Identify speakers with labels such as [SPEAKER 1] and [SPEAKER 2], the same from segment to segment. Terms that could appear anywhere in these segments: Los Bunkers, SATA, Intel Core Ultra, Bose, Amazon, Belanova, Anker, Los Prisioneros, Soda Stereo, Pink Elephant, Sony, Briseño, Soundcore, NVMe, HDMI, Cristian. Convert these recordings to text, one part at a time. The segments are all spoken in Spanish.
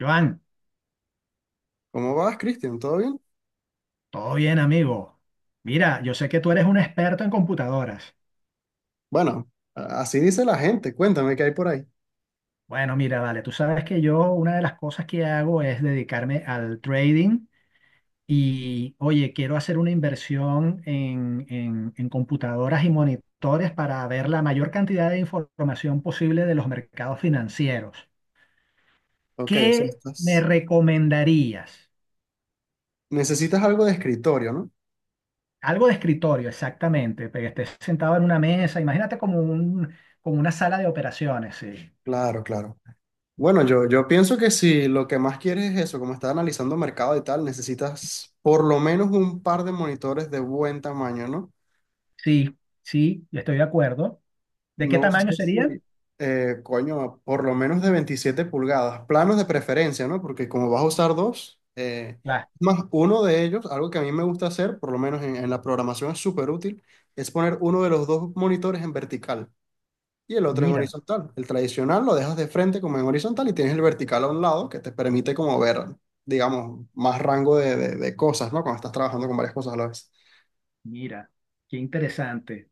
[SPEAKER 1] Joan,
[SPEAKER 2] ¿Cómo vas, Cristian? ¿Todo bien?
[SPEAKER 1] todo bien, amigo. Mira, yo sé que tú eres un experto en computadoras.
[SPEAKER 2] Bueno, así dice la gente. Cuéntame qué hay por ahí.
[SPEAKER 1] Bueno, mira, vale, tú sabes que yo una de las cosas que hago es dedicarme al trading y, oye, quiero hacer una inversión en computadoras y monitores para ver la mayor cantidad de información posible de los mercados financieros.
[SPEAKER 2] Ok, o sea,
[SPEAKER 1] ¿Qué me
[SPEAKER 2] estás...
[SPEAKER 1] recomendarías?
[SPEAKER 2] necesitas algo de escritorio, ¿no?
[SPEAKER 1] Algo de escritorio, exactamente, pero que estés sentado en una mesa, imagínate como un, como una sala de operaciones, sí.
[SPEAKER 2] Claro, claro. Bueno, yo pienso que si lo que más quieres es eso, como estás analizando mercado y tal, necesitas por lo menos un par de monitores de buen tamaño, ¿no?
[SPEAKER 1] Sí, sí, yo estoy de acuerdo. ¿De qué
[SPEAKER 2] No
[SPEAKER 1] tamaño
[SPEAKER 2] sé
[SPEAKER 1] serían?
[SPEAKER 2] si, coño, por lo menos de 27 pulgadas, planos de preferencia, ¿no? Porque como vas a usar dos,
[SPEAKER 1] Las,
[SPEAKER 2] más uno de ellos, algo que a mí me gusta hacer, por lo menos en la programación es súper útil, es poner uno de los dos monitores en vertical y el otro en
[SPEAKER 1] mira,
[SPEAKER 2] horizontal. El tradicional lo dejas de frente como en horizontal y tienes el vertical a un lado que te permite como ver, digamos, más rango de, de cosas, ¿no? Cuando estás trabajando con varias cosas a la vez.
[SPEAKER 1] mira, qué interesante.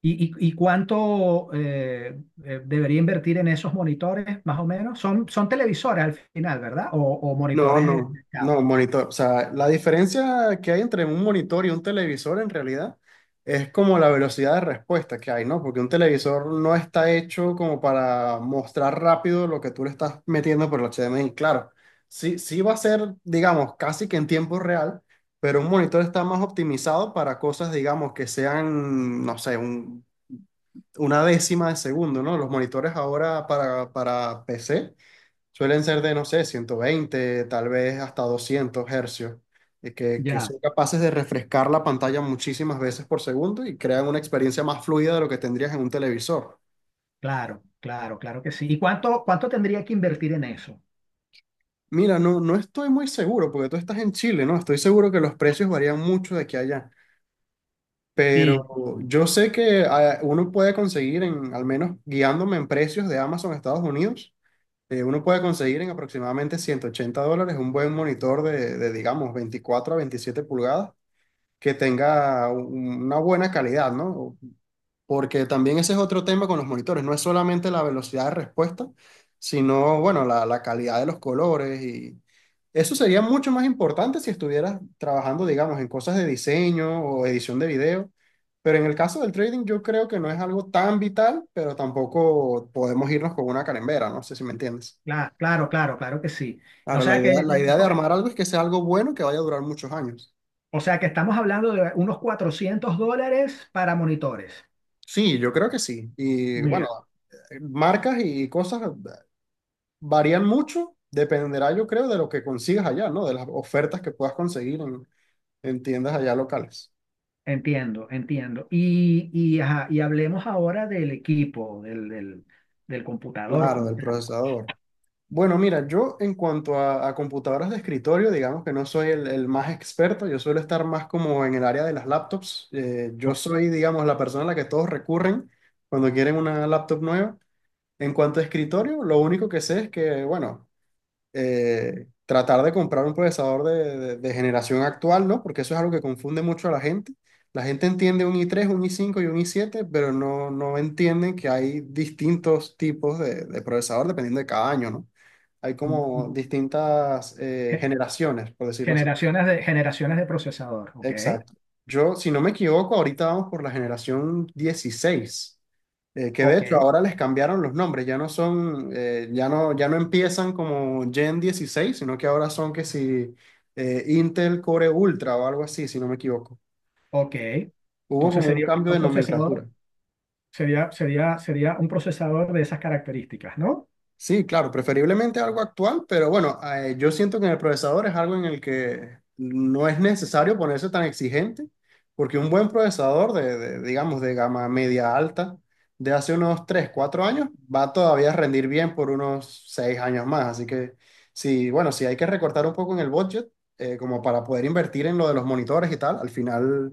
[SPEAKER 1] ¿Y y cuánto debería invertir en esos monitores, más o menos? Son, son televisores al final, ¿verdad? O
[SPEAKER 2] No,
[SPEAKER 1] monitores de
[SPEAKER 2] no,
[SPEAKER 1] mercado.
[SPEAKER 2] no, monitor. O sea, la diferencia que hay entre un monitor y un televisor en realidad es como la velocidad de respuesta que hay, ¿no? Porque un televisor no está hecho como para mostrar rápido lo que tú le estás metiendo por el HDMI. Claro, sí, sí va a ser, digamos, casi que en tiempo real, pero un monitor está más optimizado para cosas, digamos, que sean, no sé, una décima de segundo, ¿no? Los monitores ahora para PC. Suelen ser de, no sé, 120 tal vez hasta 200 hercios, y que
[SPEAKER 1] Ya,
[SPEAKER 2] son capaces de refrescar la pantalla muchísimas veces por segundo y crean una experiencia más fluida de lo que tendrías en un televisor.
[SPEAKER 1] claro, claro, claro que sí. ¿Y cuánto, cuánto tendría que invertir en eso?
[SPEAKER 2] Mira, no, no estoy muy seguro, porque tú estás en Chile, ¿no? Estoy seguro que los precios varían mucho de aquí a allá,
[SPEAKER 1] Sí.
[SPEAKER 2] pero yo sé que uno puede conseguir, en, al menos guiándome en precios de Amazon Estados Unidos, uno puede conseguir en aproximadamente 180 dólares un buen monitor de, digamos, 24 a 27 pulgadas que tenga una buena calidad, ¿no? Porque también ese es otro tema con los monitores, no es solamente la velocidad de respuesta, sino, bueno, la calidad de los colores y eso sería mucho más importante si estuvieras trabajando, digamos, en cosas de diseño o edición de video, pero en el caso del trading yo creo que no es algo tan vital, pero tampoco podemos irnos con una carembera, no sé si me entiendes.
[SPEAKER 1] Claro, claro, claro, claro que sí. O
[SPEAKER 2] Ahora,
[SPEAKER 1] sea que,
[SPEAKER 2] la idea de armar algo es que sea algo bueno que vaya a durar muchos años.
[SPEAKER 1] o sea que estamos hablando de unos $400 para monitores.
[SPEAKER 2] Sí, yo creo que sí. Y bueno,
[SPEAKER 1] Mira.
[SPEAKER 2] este, marcas y cosas varían mucho, dependerá yo creo de lo que consigas allá, ¿no? De las ofertas que puedas conseguir en tiendas allá locales.
[SPEAKER 1] Entiendo, entiendo. Y, ajá, y hablemos ahora del equipo, del computador
[SPEAKER 2] Claro,
[SPEAKER 1] como
[SPEAKER 2] del
[SPEAKER 1] tal.
[SPEAKER 2] procesador. Bueno, mira, yo en cuanto a computadoras de escritorio, digamos que no soy el más experto, yo suelo estar más como en el área de las laptops. Yo
[SPEAKER 1] O-
[SPEAKER 2] soy, digamos, la persona a la que todos recurren cuando quieren una laptop nueva. En cuanto a escritorio, lo único que sé es que, bueno, tratar de comprar un procesador de, de generación actual, ¿no? Porque eso es algo que confunde mucho a la gente. La gente entiende un i3, un i5 y un i7, pero no, no entienden que hay distintos tipos de procesador dependiendo de cada año, ¿no? Hay como distintas
[SPEAKER 1] gen-
[SPEAKER 2] generaciones, por decirlo así.
[SPEAKER 1] Generaciones de procesador, ¿ok?
[SPEAKER 2] Exacto. Yo, si no me equivoco, ahorita vamos por la generación 16. Que de
[SPEAKER 1] Ok,
[SPEAKER 2] hecho ahora les cambiaron los nombres, ya no son, ya no empiezan como Gen 16, sino que ahora son que si Intel Core Ultra o algo así, si no me equivoco.
[SPEAKER 1] ok.
[SPEAKER 2] Hubo
[SPEAKER 1] Entonces
[SPEAKER 2] como un
[SPEAKER 1] sería
[SPEAKER 2] cambio
[SPEAKER 1] un
[SPEAKER 2] de nomenclatura.
[SPEAKER 1] procesador, sería un procesador de esas características, ¿no?
[SPEAKER 2] Sí, claro, preferiblemente algo actual, pero bueno, yo siento que en el procesador es algo en el que no es necesario ponerse tan exigente, porque un buen procesador de, digamos, de gama media alta de hace unos 3, 4 años va todavía a rendir bien por unos 6 años más. Así que sí, bueno, si hay que recortar un poco en el budget, como para poder invertir en lo de los monitores y tal, al final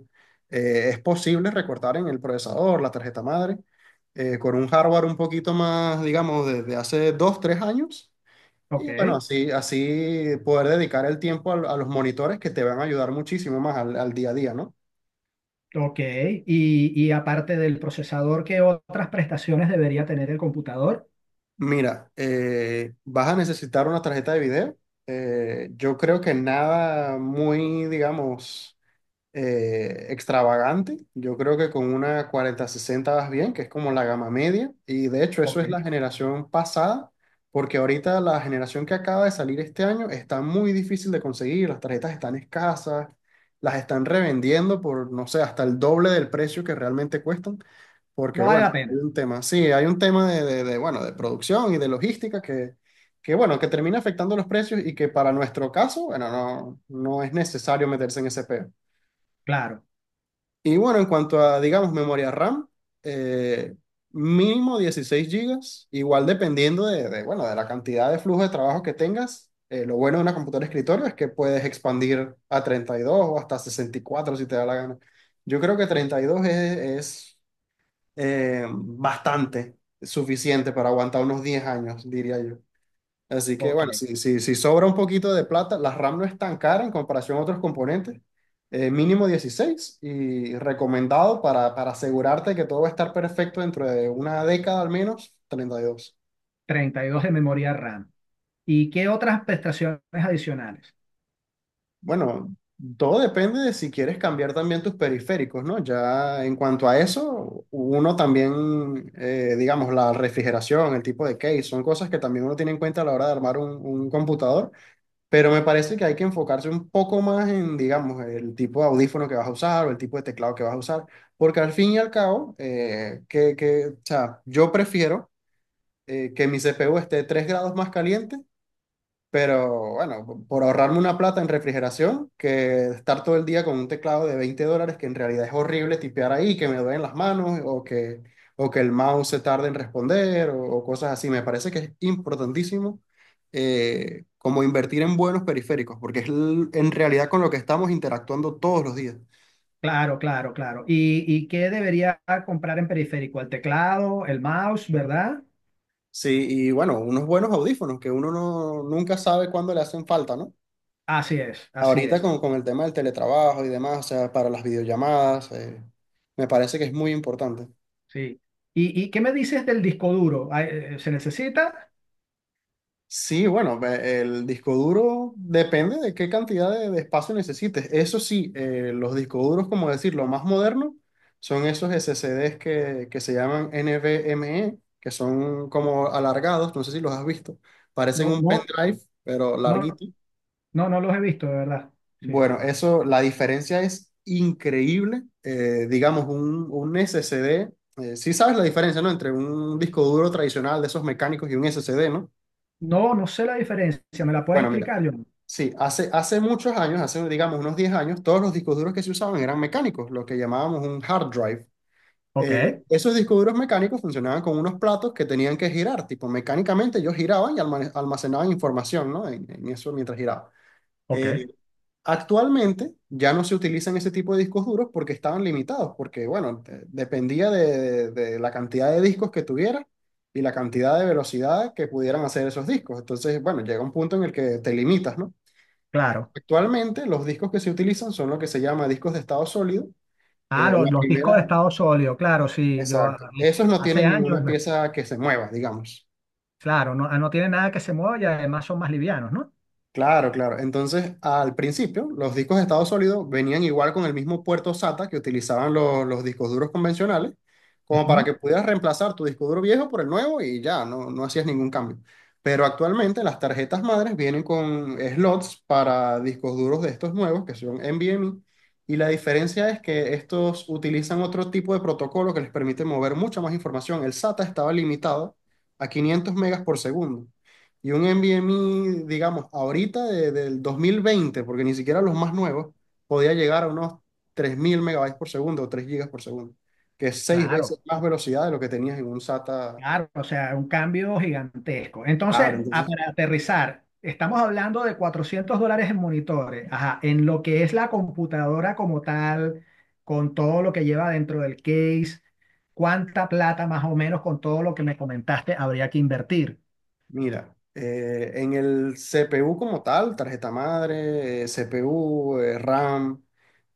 [SPEAKER 2] es posible recortar en el procesador, la tarjeta madre con un hardware un poquito más, digamos, desde hace dos, tres años.
[SPEAKER 1] Ok,
[SPEAKER 2] Y bueno, así, así poder dedicar el tiempo a, los monitores que te van a ayudar muchísimo más al, al día a día, ¿no?
[SPEAKER 1] ok. Y aparte del procesador, ¿qué otras prestaciones debería tener el computador?
[SPEAKER 2] Mira, vas a necesitar una tarjeta de video. Yo creo que nada muy, digamos extravagante. Yo creo que con una cuarenta sesenta vas bien, que es como la gama media. Y de hecho, eso
[SPEAKER 1] Ok,
[SPEAKER 2] es la generación pasada, porque ahorita la generación que acaba de salir este año está muy difícil de conseguir. Las tarjetas están escasas, las están revendiendo por, no sé, hasta el doble del precio que realmente cuestan. Porque,
[SPEAKER 1] no vale
[SPEAKER 2] bueno,
[SPEAKER 1] la
[SPEAKER 2] hay
[SPEAKER 1] pena.
[SPEAKER 2] un tema, sí, hay un tema de, bueno, de producción y de logística que. Que bueno, que termina afectando los precios y que para nuestro caso, bueno, no, no es necesario meterse en ese peo.
[SPEAKER 1] Claro,
[SPEAKER 2] Y bueno, en cuanto a, digamos, memoria RAM, eh, mínimo 16 gigas igual dependiendo de, bueno, de la cantidad de flujo de trabajo que tengas. Lo bueno de una computadora de escritorio es que puedes expandir a 32 o hasta 64 si te da la gana. Yo creo que 32 es bastante suficiente para aguantar unos 10 años, diría yo. Así que
[SPEAKER 1] ok.
[SPEAKER 2] bueno, si sobra un poquito de plata, la RAM no es tan cara en comparación a otros componentes, mínimo 16 y recomendado para asegurarte que todo va a estar perfecto dentro de una década al menos, treinta y dos.
[SPEAKER 1] 32 de memoria RAM. ¿Y qué otras prestaciones adicionales?
[SPEAKER 2] Bueno, todo depende de si quieres cambiar también tus periféricos, ¿no? Ya en cuanto a eso, uno también, digamos, la refrigeración, el tipo de case, son cosas que también uno tiene en cuenta a la hora de armar un computador. Pero me parece que hay que enfocarse un poco más en, digamos, el tipo de audífono que vas a usar o el tipo de teclado que vas a usar, porque al fin y al cabo, o sea, yo prefiero que mi CPU esté 3 grados más caliente, pero bueno, por ahorrarme una plata en refrigeración, que estar todo el día con un teclado de 20 dólares, que en realidad es horrible tipear ahí, que me duelen las manos o que el mouse se tarde en responder o cosas así. Me parece que es importantísimo como invertir en buenos periféricos, porque es en realidad con lo que estamos interactuando todos los días.
[SPEAKER 1] Claro, claro, claro. Y qué debería comprar en periférico? El teclado, el mouse, ¿verdad?
[SPEAKER 2] Sí, y bueno, unos buenos audífonos que uno no, nunca sabe cuándo le hacen falta, ¿no?
[SPEAKER 1] Así es, así
[SPEAKER 2] Ahorita
[SPEAKER 1] es.
[SPEAKER 2] con el tema del teletrabajo y demás, o sea, para las videollamadas, me parece que es muy importante.
[SPEAKER 1] Sí. Y qué me dices del disco duro? ¿Se necesita?
[SPEAKER 2] Sí, bueno, el disco duro depende de qué cantidad de espacio necesites. Eso sí, los discos duros, como decir, lo más moderno, son esos SSDs que se llaman NVMe, que son como alargados, no sé si los has visto. Parecen
[SPEAKER 1] No,
[SPEAKER 2] un
[SPEAKER 1] no,
[SPEAKER 2] pendrive, pero
[SPEAKER 1] no,
[SPEAKER 2] larguito.
[SPEAKER 1] no, no los he visto, de verdad. Sí.
[SPEAKER 2] Bueno, eso, la diferencia es increíble. Digamos, un SSD, sí sabes la diferencia, ¿no? Entre un disco duro tradicional de esos mecánicos y un SSD, ¿no?
[SPEAKER 1] No, no sé la diferencia. ¿Me la puedes
[SPEAKER 2] Bueno, mira,
[SPEAKER 1] explicar, John?
[SPEAKER 2] sí, hace, hace muchos años, hace, digamos, unos 10 años, todos los discos duros que se usaban eran mecánicos, lo que llamábamos un hard drive.
[SPEAKER 1] Ok,
[SPEAKER 2] Esos discos duros mecánicos funcionaban con unos platos que tenían que girar, tipo, mecánicamente ellos giraban y almacenaban información, ¿no? En eso mientras giraban.
[SPEAKER 1] ok,
[SPEAKER 2] Eh, Actualmente ya no se utilizan ese tipo de discos duros porque estaban limitados, porque bueno, dependía de la cantidad de discos que tuviera y la cantidad de velocidad que pudieran hacer esos discos. Entonces, bueno, llega un punto en el que te limitas, ¿no?
[SPEAKER 1] claro.
[SPEAKER 2] Actualmente los discos que se utilizan son lo que se llama discos de estado sólido.
[SPEAKER 1] Ah,
[SPEAKER 2] Eh, la
[SPEAKER 1] los discos de
[SPEAKER 2] primera,
[SPEAKER 1] estado sólido, claro, sí.
[SPEAKER 2] exacto. Esos no
[SPEAKER 1] Hace
[SPEAKER 2] tienen
[SPEAKER 1] años,
[SPEAKER 2] ninguna pieza que se mueva, digamos.
[SPEAKER 1] claro, no, no tiene nada que se mueva y además son más livianos, ¿no?
[SPEAKER 2] Claro, claro. Entonces, al principio, los discos de estado sólido venían igual con el mismo puerto SATA que utilizaban los, discos duros convencionales, como para
[SPEAKER 1] Ujú.
[SPEAKER 2] que pudieras reemplazar tu disco duro viejo por el nuevo y ya, no, no hacías ningún cambio. Pero actualmente las tarjetas madres vienen con slots para discos duros de estos nuevos, que son NVMe, y la diferencia es que estos utilizan otro tipo de protocolo que les permite mover mucha más información. El SATA estaba limitado a 500 megas por segundo. Y un NVMe, digamos, ahorita del dos mil veinte, porque ni siquiera los más nuevos, podía llegar a unos 3.000 megabytes por segundo o 3 gigas por segundo, que es seis
[SPEAKER 1] Claro,
[SPEAKER 2] veces más velocidad de lo que tenías en un SATA.
[SPEAKER 1] claro, o sea, un cambio gigantesco. Entonces,
[SPEAKER 2] Claro,
[SPEAKER 1] ah,
[SPEAKER 2] entonces...
[SPEAKER 1] para aterrizar, estamos hablando de $400 en monitores, ajá, en lo que es la computadora como tal, con todo lo que lleva dentro del case, cuánta plata más o menos con todo lo que me comentaste habría que invertir,
[SPEAKER 2] Mira, en el CPU como tal, tarjeta madre, CPU, RAM,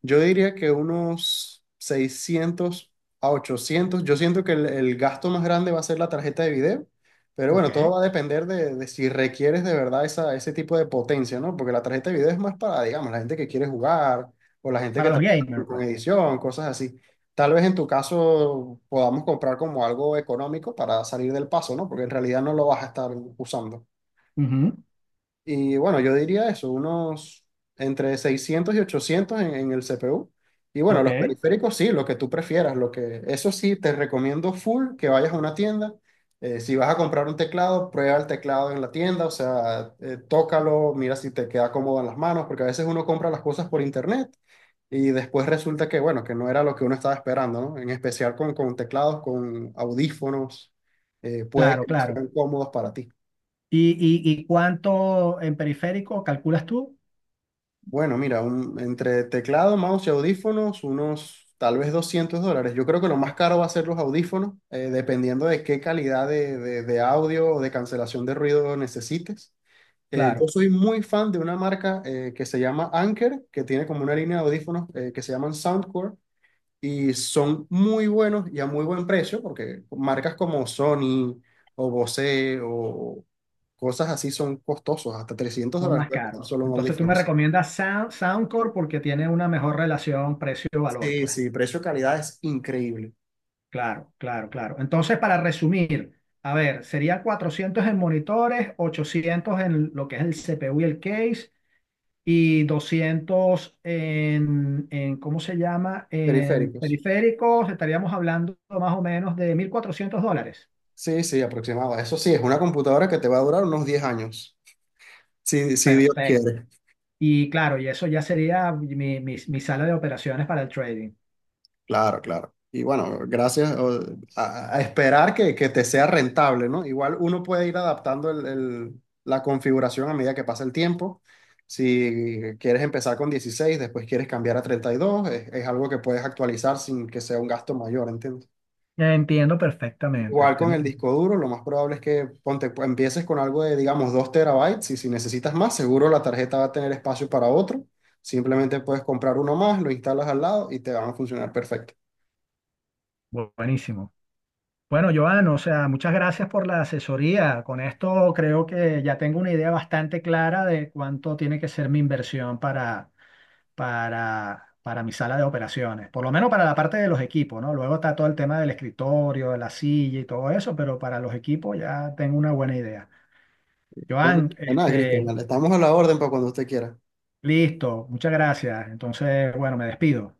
[SPEAKER 2] yo diría que unos 600 a 800. Yo siento que el gasto más grande va a ser la tarjeta de video, pero bueno,
[SPEAKER 1] ¿ok?
[SPEAKER 2] todo va a depender de si requieres de verdad esa, ese tipo de potencia, ¿no? Porque la tarjeta de video es más para, digamos, la gente que quiere jugar o la gente que
[SPEAKER 1] Para los
[SPEAKER 2] trabaja
[SPEAKER 1] gamers,
[SPEAKER 2] con
[SPEAKER 1] pues.
[SPEAKER 2] edición, cosas así. Tal vez en tu caso podamos comprar como algo económico para salir del paso, ¿no? Porque en realidad no lo vas a estar usando.
[SPEAKER 1] Ujú,
[SPEAKER 2] Y bueno, yo diría eso, unos entre 600 y 800 en el CPU. Y bueno,
[SPEAKER 1] ok,
[SPEAKER 2] los periféricos sí, lo que tú prefieras, lo que eso sí te recomiendo full que vayas a una tienda. Si vas a comprar un teclado, prueba el teclado en la tienda, o sea, tócalo, mira si te queda cómodo en las manos, porque a veces uno compra las cosas por internet y después resulta que, bueno, que no era lo que uno estaba esperando, ¿no? En especial con teclados, con audífonos, puede
[SPEAKER 1] claro,
[SPEAKER 2] que no
[SPEAKER 1] claro.
[SPEAKER 2] sean cómodos para ti.
[SPEAKER 1] ¿Y, y cuánto en periférico calculas tú?
[SPEAKER 2] Bueno, mira, entre teclado, mouse y audífonos, unos tal vez 200 dólares. Yo creo que lo más caro va a ser los audífonos, dependiendo de qué calidad de, de audio o de cancelación de ruido necesites. Yo
[SPEAKER 1] Claro.
[SPEAKER 2] soy muy fan de una marca que se llama Anker, que tiene como una línea de audífonos que se llaman Soundcore y son muy buenos y a muy buen precio, porque marcas como Sony o Bose o cosas así son costosos, hasta 300
[SPEAKER 1] Son
[SPEAKER 2] dólares
[SPEAKER 1] más
[SPEAKER 2] puede
[SPEAKER 1] caros.
[SPEAKER 2] costar solo un
[SPEAKER 1] Entonces tú me
[SPEAKER 2] audífono, sí.
[SPEAKER 1] recomiendas Sound, Soundcore porque tiene una mejor relación precio-valor,
[SPEAKER 2] Sí,
[SPEAKER 1] pues.
[SPEAKER 2] sí, precio-calidad es increíble.
[SPEAKER 1] Claro, claro, claro. Entonces, para resumir, a ver, serían 400 en monitores, 800 en lo que es el CPU y el case, y 200 en, ¿cómo se llama? En
[SPEAKER 2] Periféricos.
[SPEAKER 1] periféricos, estaríamos hablando más o menos de $1,400.
[SPEAKER 2] Sí, sí, aproximado. Eso sí, es una computadora que te va a durar unos 10 años, si, si Dios
[SPEAKER 1] Perfecto.
[SPEAKER 2] quiere.
[SPEAKER 1] Y claro, y eso ya sería mi sala de operaciones para el trading.
[SPEAKER 2] Claro, claro. Y bueno, gracias a esperar que te sea rentable, ¿no? Igual uno puede ir adaptando la configuración a medida que pasa el tiempo. Si quieres empezar con 16, después quieres cambiar a 32, es algo que puedes actualizar sin que sea un gasto mayor, ¿entiendes?
[SPEAKER 1] Entiendo perfectamente.
[SPEAKER 2] Igual con
[SPEAKER 1] Entiendo.
[SPEAKER 2] el disco duro, lo más probable es que ponte, pues, empieces con algo de, digamos, 2 terabytes y si necesitas más, seguro la tarjeta va a tener espacio para otro. Simplemente puedes comprar uno más, lo instalas al lado y te van a funcionar perfecto.
[SPEAKER 1] Buenísimo. Bueno, Joan, o sea, muchas gracias por la asesoría. Con esto creo que ya tengo una idea bastante clara de cuánto tiene que ser mi inversión para, para mi sala de operaciones. Por lo menos para la parte de los equipos, ¿no? Luego está todo el tema del escritorio, de la silla y todo eso, pero para los equipos ya tengo una buena idea.
[SPEAKER 2] Ven-
[SPEAKER 1] Joan,
[SPEAKER 2] De nada, Cristian,
[SPEAKER 1] este,
[SPEAKER 2] vale, estamos a la orden para cuando usted quiera.
[SPEAKER 1] listo, muchas gracias. Entonces, bueno, me despido.